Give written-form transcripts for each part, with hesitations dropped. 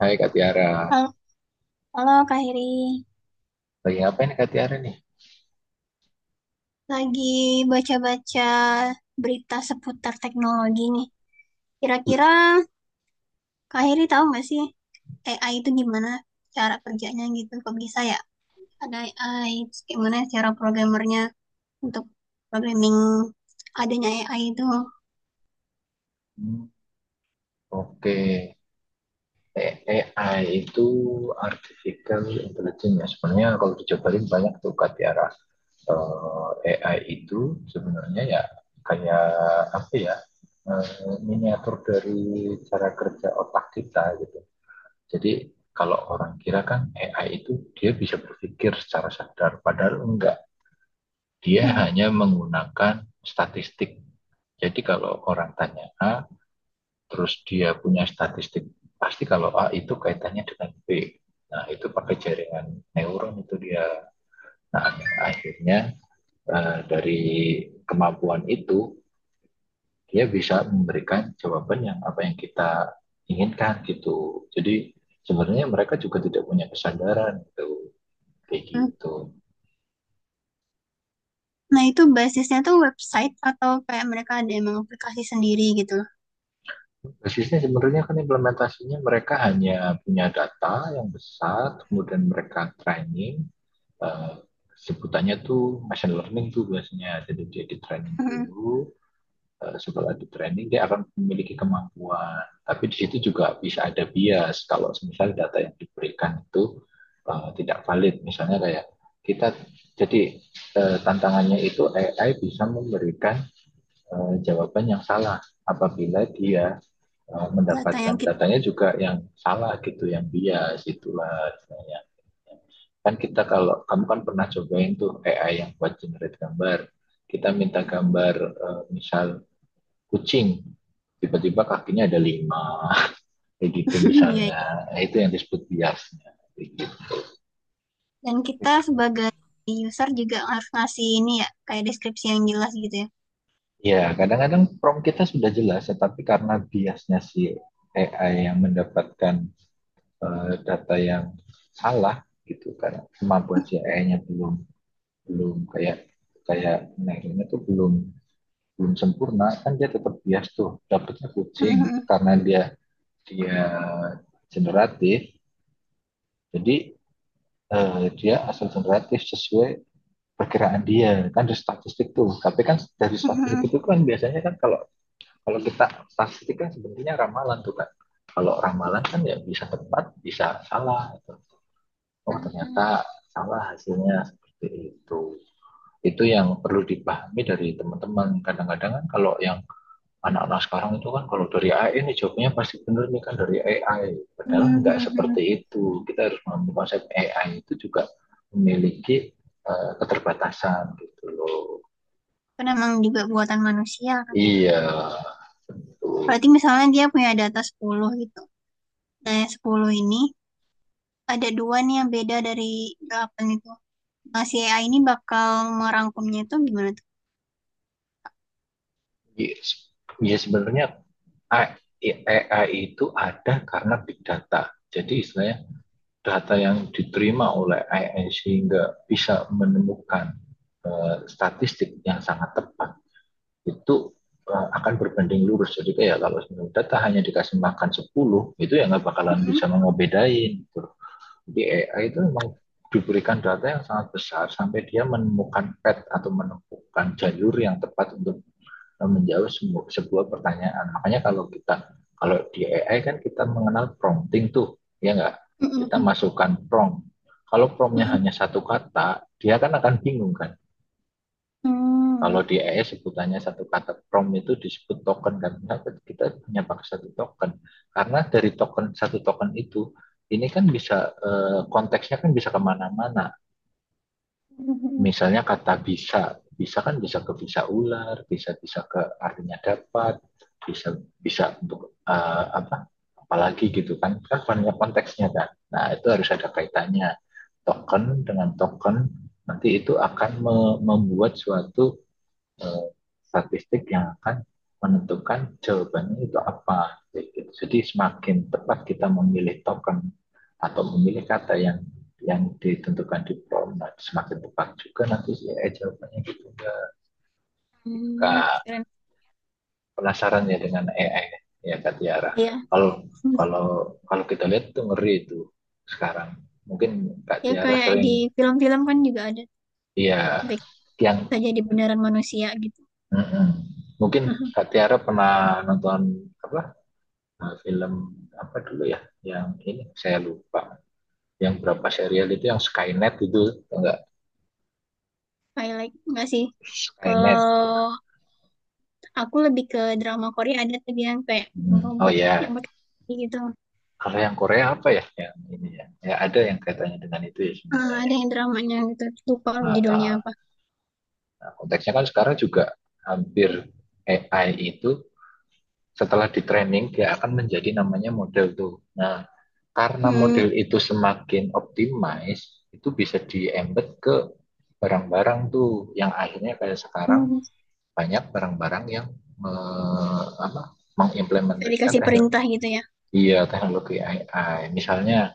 Hai Kak Tiara, Halo, halo Kak Heri. lagi ngapain Kak Tiara nih? Lagi baca-baca berita seputar teknologi nih. Kira-kira Kak Heri tahu nggak sih AI itu gimana cara kerjanya gitu? Kok bisa ya? Ada AI, terus gimana cara programmernya untuk programming adanya AI itu? Hmm, oke, AI itu Artificial Intelligence, ya. Sebenarnya kalau dicobain banyak tuh, Kak Tiara. AI itu sebenarnya ya, kayak apa ya, eh, miniatur dari cara kerja otak kita gitu. Jadi kalau orang kira kan AI itu dia bisa berpikir secara sadar, padahal enggak. Dia Hmm, hanya menggunakan statistik. Jadi kalau orang tanya A, terus dia punya statistik, pasti kalau A itu kaitannya dengan B. Nah, itu pakai jaringan neuron itu dia. Nah, akhirnya, dari kemampuan itu dia bisa memberikan jawaban yang apa yang kita inginkan gitu. Jadi sebenarnya mereka juga tidak punya kesadaran gitu, kayak hmm. gitu. Nah itu basisnya tuh website atau kayak mereka ada emang aplikasi sendiri gitu loh. Basisnya sebenarnya kan implementasinya mereka hanya punya data yang besar, kemudian mereka training, uh, sebutannya tuh machine learning tuh biasanya, jadi dia di training Hmm, dulu, setelah di training dia akan memiliki kemampuan, tapi di situ juga bisa ada bias kalau misalnya data yang diberikan itu tidak valid, misalnya kayak kita. Jadi, tantangannya itu AI bisa memberikan jawaban yang salah apabila dia data yang mendapatkan kita, datanya juga yang salah gitu, yang bias itulah misalnya. Kan kita, kalau kamu kan pernah cobain tuh AI yang buat generate gambar. Kita minta gambar, misal kucing, tiba-tiba kakinya ada lima, kayak gitu iya. misalnya. Nah, itu yang disebut biasnya. Gitu. Dan kita sebagai user juga harus ngasih ini ya, kayak deskripsi yang jelas gitu ya. Ya, kadang-kadang prompt kita sudah jelas, tetapi karena biasnya si AI yang mendapatkan data yang salah gitu, karena kemampuan si AI-nya belum belum kayak kayak nah, tuh belum belum sempurna kan, dia tetap bias tuh dapatnya kucing, karena dia dia generatif. Jadi, dia asal generatif sesuai perkiraan dia, kan dari statistik tuh, tapi kan dari statistik itu kan biasanya kan, kalau kalau kita statistik kan sebenarnya ramalan tuh kan. Kalau ramalan kan ya bisa tepat bisa salah gitu. Oh, ternyata salah hasilnya seperti itu. Itu yang perlu dipahami dari teman-teman. Kadang-kadang kan kalau yang anak-anak sekarang itu kan, kalau dari AI ini jawabnya pasti benar nih kan, dari AI. Padahal nggak seperti itu. Kita harus memahami konsep AI itu juga memiliki keterbatasan gitu loh. Karena emang juga buatan manusia kan ya. Iya, betul. Berarti misalnya dia punya data 10 gitu. Nah yang 10 ini ada dua nih yang beda dari 8 itu. Nah si AI ini bakal merangkumnya itu gimana tuh? Iya, iya, sebenarnya AI itu ada karena big data. Jadi istilahnya data yang diterima oleh AI sehingga bisa menemukan statistik yang sangat tepat itu akan berbanding lurus. Jadi kayak kalau data hanya dikasih makan 10 itu, ya nggak bakalan bisa mengobedain. Gitu. Jadi AI itu memang diberikan data yang sangat besar sampai dia menemukan pet atau menemukan jalur yang tepat untuk menjawab sebuah pertanyaan. Makanya kalau di AI kan kita mengenal prompting tuh, ya nggak? Kita masukkan prompt. Kalau promptnya hanya satu kata, dia kan akan bingung kan. Kalau di ES sebutannya satu kata prom itu disebut token. Dan kenapa kita punya pakai satu token? Karena dari token, satu token itu ini kan bisa, konteksnya kan bisa kemana-mana. Misalnya kata bisa, bisa kan bisa ke bisa ular, bisa bisa ke artinya dapat, bisa bisa untuk, apa? Apalagi gitu kan, kan banyak konteksnya kan. Nah, itu harus ada kaitannya token dengan token, nanti itu akan membuat suatu, eh, statistik yang akan menentukan jawabannya itu apa. Jadi semakin tepat kita memilih token atau memilih kata yang ditentukan di prompt, nah, semakin tepat juga nanti si AI jawabannya gitu ya. Kak, Keren. penasaran ya dengan AI, ya Kak Tiara. Ya, Kalau kalau kalau kita lihat itu ngeri itu sekarang. Mungkin Kak ya Tiara kayak di sering, film-film kan juga ada. ya, Sampai yang bisa jadi beneran manusia gitu. mm-mm. Mungkin Kak Tiara pernah nonton apa, film apa dulu ya, yang ini saya lupa, yang berapa serial itu yang Skynet itu, enggak, I like nggak sih? Skynet. Kalau aku lebih ke drama Korea ada tuh dia yang kayak bikin Hmm. Oh robot ya, yang pakai kaki gitu. kalau yang Korea apa ya yang ini ya, ya, ada yang kaitannya dengan itu ya, Eh, sebenarnya ada ya. yang dramanya gitu lupa judulnya Nah, apa. nah, konteksnya kan sekarang juga hampir AI itu setelah di training dia akan menjadi namanya model tuh. Nah, karena Hmm, model itu semakin optimize itu bisa di embed ke barang-barang tuh, yang akhirnya kayak sekarang hmm, banyak barang-barang yang me, apa, bisa mengimplementasikan dikasih teknologi, perintah gitu ya. iya, teknologi AI. Misalnya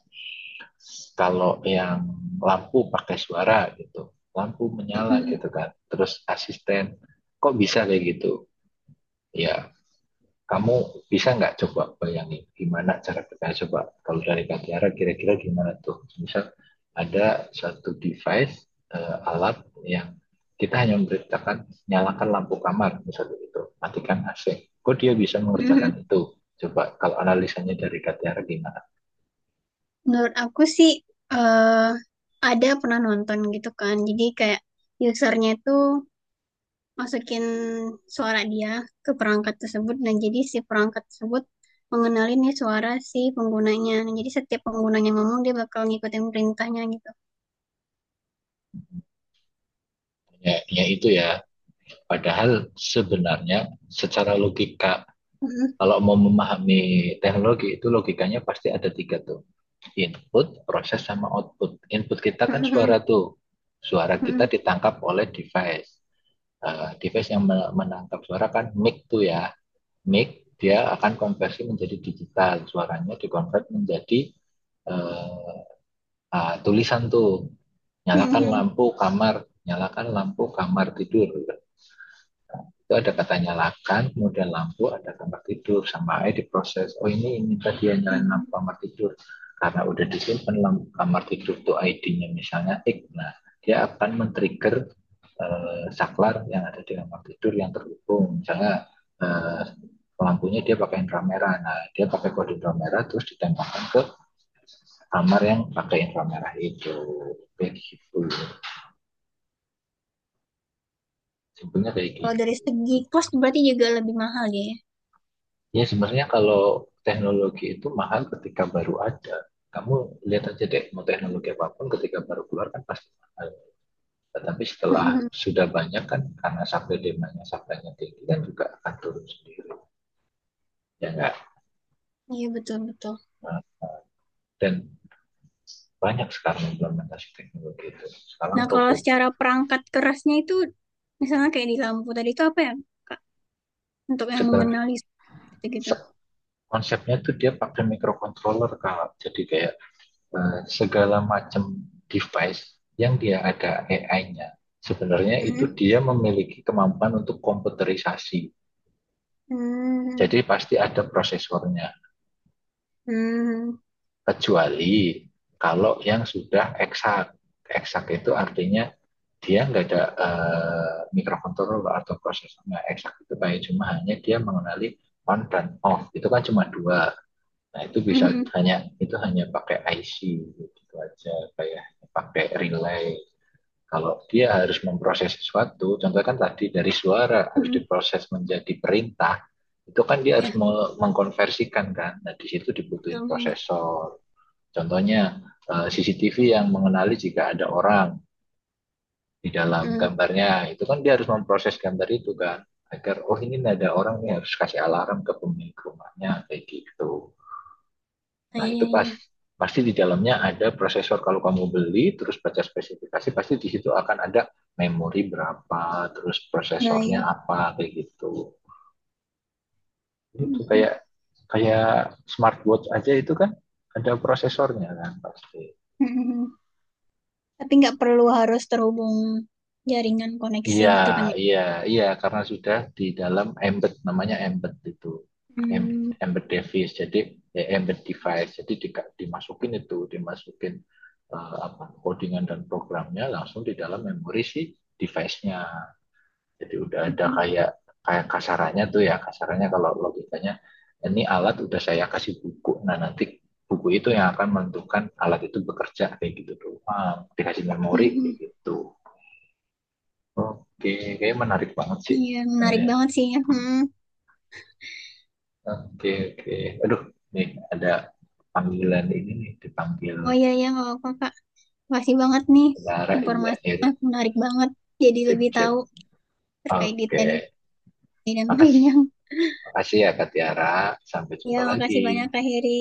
kalau yang lampu pakai suara gitu, lampu menyala Mm-mm, gitu kan, terus asisten kok bisa kayak gitu? Ya, kamu bisa nggak coba bayangin gimana cara kita coba, kalau dari Kak Tiara kira-kira gimana tuh. Misal ada satu device, alat yang kita hanya memberitakan nyalakan lampu kamar misalnya, itu matikan AC, kok dia bisa mm mengerjakan itu? Coba kalau analisanya dari Kak Tiara gimana. menurut aku sih eh ada pernah nonton gitu kan. Jadi kayak usernya itu masukin suara dia ke perangkat tersebut dan jadi si perangkat tersebut mengenali nih suara si penggunanya. Nah, jadi setiap penggunanya ngomong dia bakal ngikutin perintahnya gitu. Ya, ya itu ya, padahal sebenarnya secara logika, kalau mau memahami teknologi itu logikanya pasti ada tiga tuh. Input, proses, sama output. Input kita kan suara tuh. Suara kita ditangkap oleh device. Device yang menangkap suara kan mic tuh ya. Mic dia akan konversi menjadi digital. Suaranya dikonvert menjadi, eh, tulisan tuh. Nyalakan lampu kamar, nyalakan lampu kamar tidur. Itu ada katanya lakan, kemudian lampu, ada kamar tidur, sama aja diproses. Oh, ini tadi yang nyalain lampu kamar tidur, karena udah disimpan lampu kamar tidur tuh ID-nya misalnya X. Nah, dia akan men-trigger, saklar yang ada di kamar tidur yang terhubung. Misalnya, eh, lampunya dia pakai inframerah. Nah, dia pakai kode inframerah terus ditembakkan ke kamar yang pakai inframerah itu. Kayak gitu. Simpelnya kayak Kalau gitu. dari segi cost berarti juga lebih mahal dia ya. Ya, sebenarnya kalau teknologi itu mahal ketika baru ada. Kamu lihat aja deh, mau teknologi apapun ketika baru keluar kan pasti mahal. Tetapi setelah sudah banyak kan, karena supply demand-nya, supply-nya tinggi kan juga akan turun sendiri. Ya, enggak? Iya, betul betul. Nah, dan banyak sekarang implementasi teknologi itu. Nah Sekarang kalau robot, secara perangkat kerasnya itu misalnya kayak di lampu tadi itu apa ya Kak? Untuk yang sebenarnya mengenali gitu-gitu. se- konsepnya tuh dia pakai microcontroller. Kalau jadi kayak, segala macam device yang dia ada AI-nya, sebenarnya itu dia memiliki kemampuan untuk komputerisasi. Jadi pasti ada prosesornya, kecuali kalau yang sudah eksak. Eksak itu artinya dia nggak ada microcontroller atau prosesornya. Eksak itu kayak cuma, hanya dia mengenali on dan off. Itu kan cuma dua. Nah, itu bisa hanya, itu hanya pakai IC gitu aja, kayak pakai relay. Kalau dia harus memproses sesuatu, contohnya kan tadi dari suara harus diproses menjadi perintah, itu kan dia harus Iya mengkonversikan kan. Nah, di situ dibutuhin betul. prosesor. Contohnya, CCTV yang mengenali jika ada orang di dalam Mm, gambarnya. Itu kan dia harus memproses gambar itu kan, agar, oh, ini ada orang nih, harus kasih alarm ke pemilik rumahnya, kayak gitu. nah, Nah, iya itu pas iya. pasti di dalamnya ada prosesor. Kalau kamu beli terus baca spesifikasi, pasti di situ akan ada memori berapa, terus Nah, prosesornya iya. apa, kayak gitu. Itu kayak kayak smartwatch aja itu kan ada prosesornya kan pasti. Mhm. Tapi nggak perlu harus terhubung jaringan koneksi Iya, gitu kan ya. iya, iya, karena sudah di dalam embed, namanya embed itu, Em- Hmm, embed device, jadi ya, embed device, jadi dimasukin itu, dimasukin, eh, apa codingan dan programnya langsung di dalam memori si device-nya. Jadi udah ada mhm. kayak kayak kasarannya tuh ya, kasarannya kalau logikanya ini alat udah saya kasih buku, nah nanti buku itu yang akan menentukan alat itu bekerja, kayak gitu doang, dikasih memori kayak Mhm. gitu. Oke, kayaknya menarik banget sih. Iya, menarik Iya. banget sih ya. Mhm. Oke, oke. Aduh, nih ada panggilan ini nih, dipanggil Oh iya, iya, nggak apa-apa, Kak. Makasih banget nih Tiara. Iya, informasinya. iya. Menarik banget. Jadi Sip, lebih sip. tahu terkait detail Oke. ini dan Makasih. lainnya. Makasih ya, Kak Tiara. Sampai Ya, jumpa lagi. makasih banyak, Kak Heri.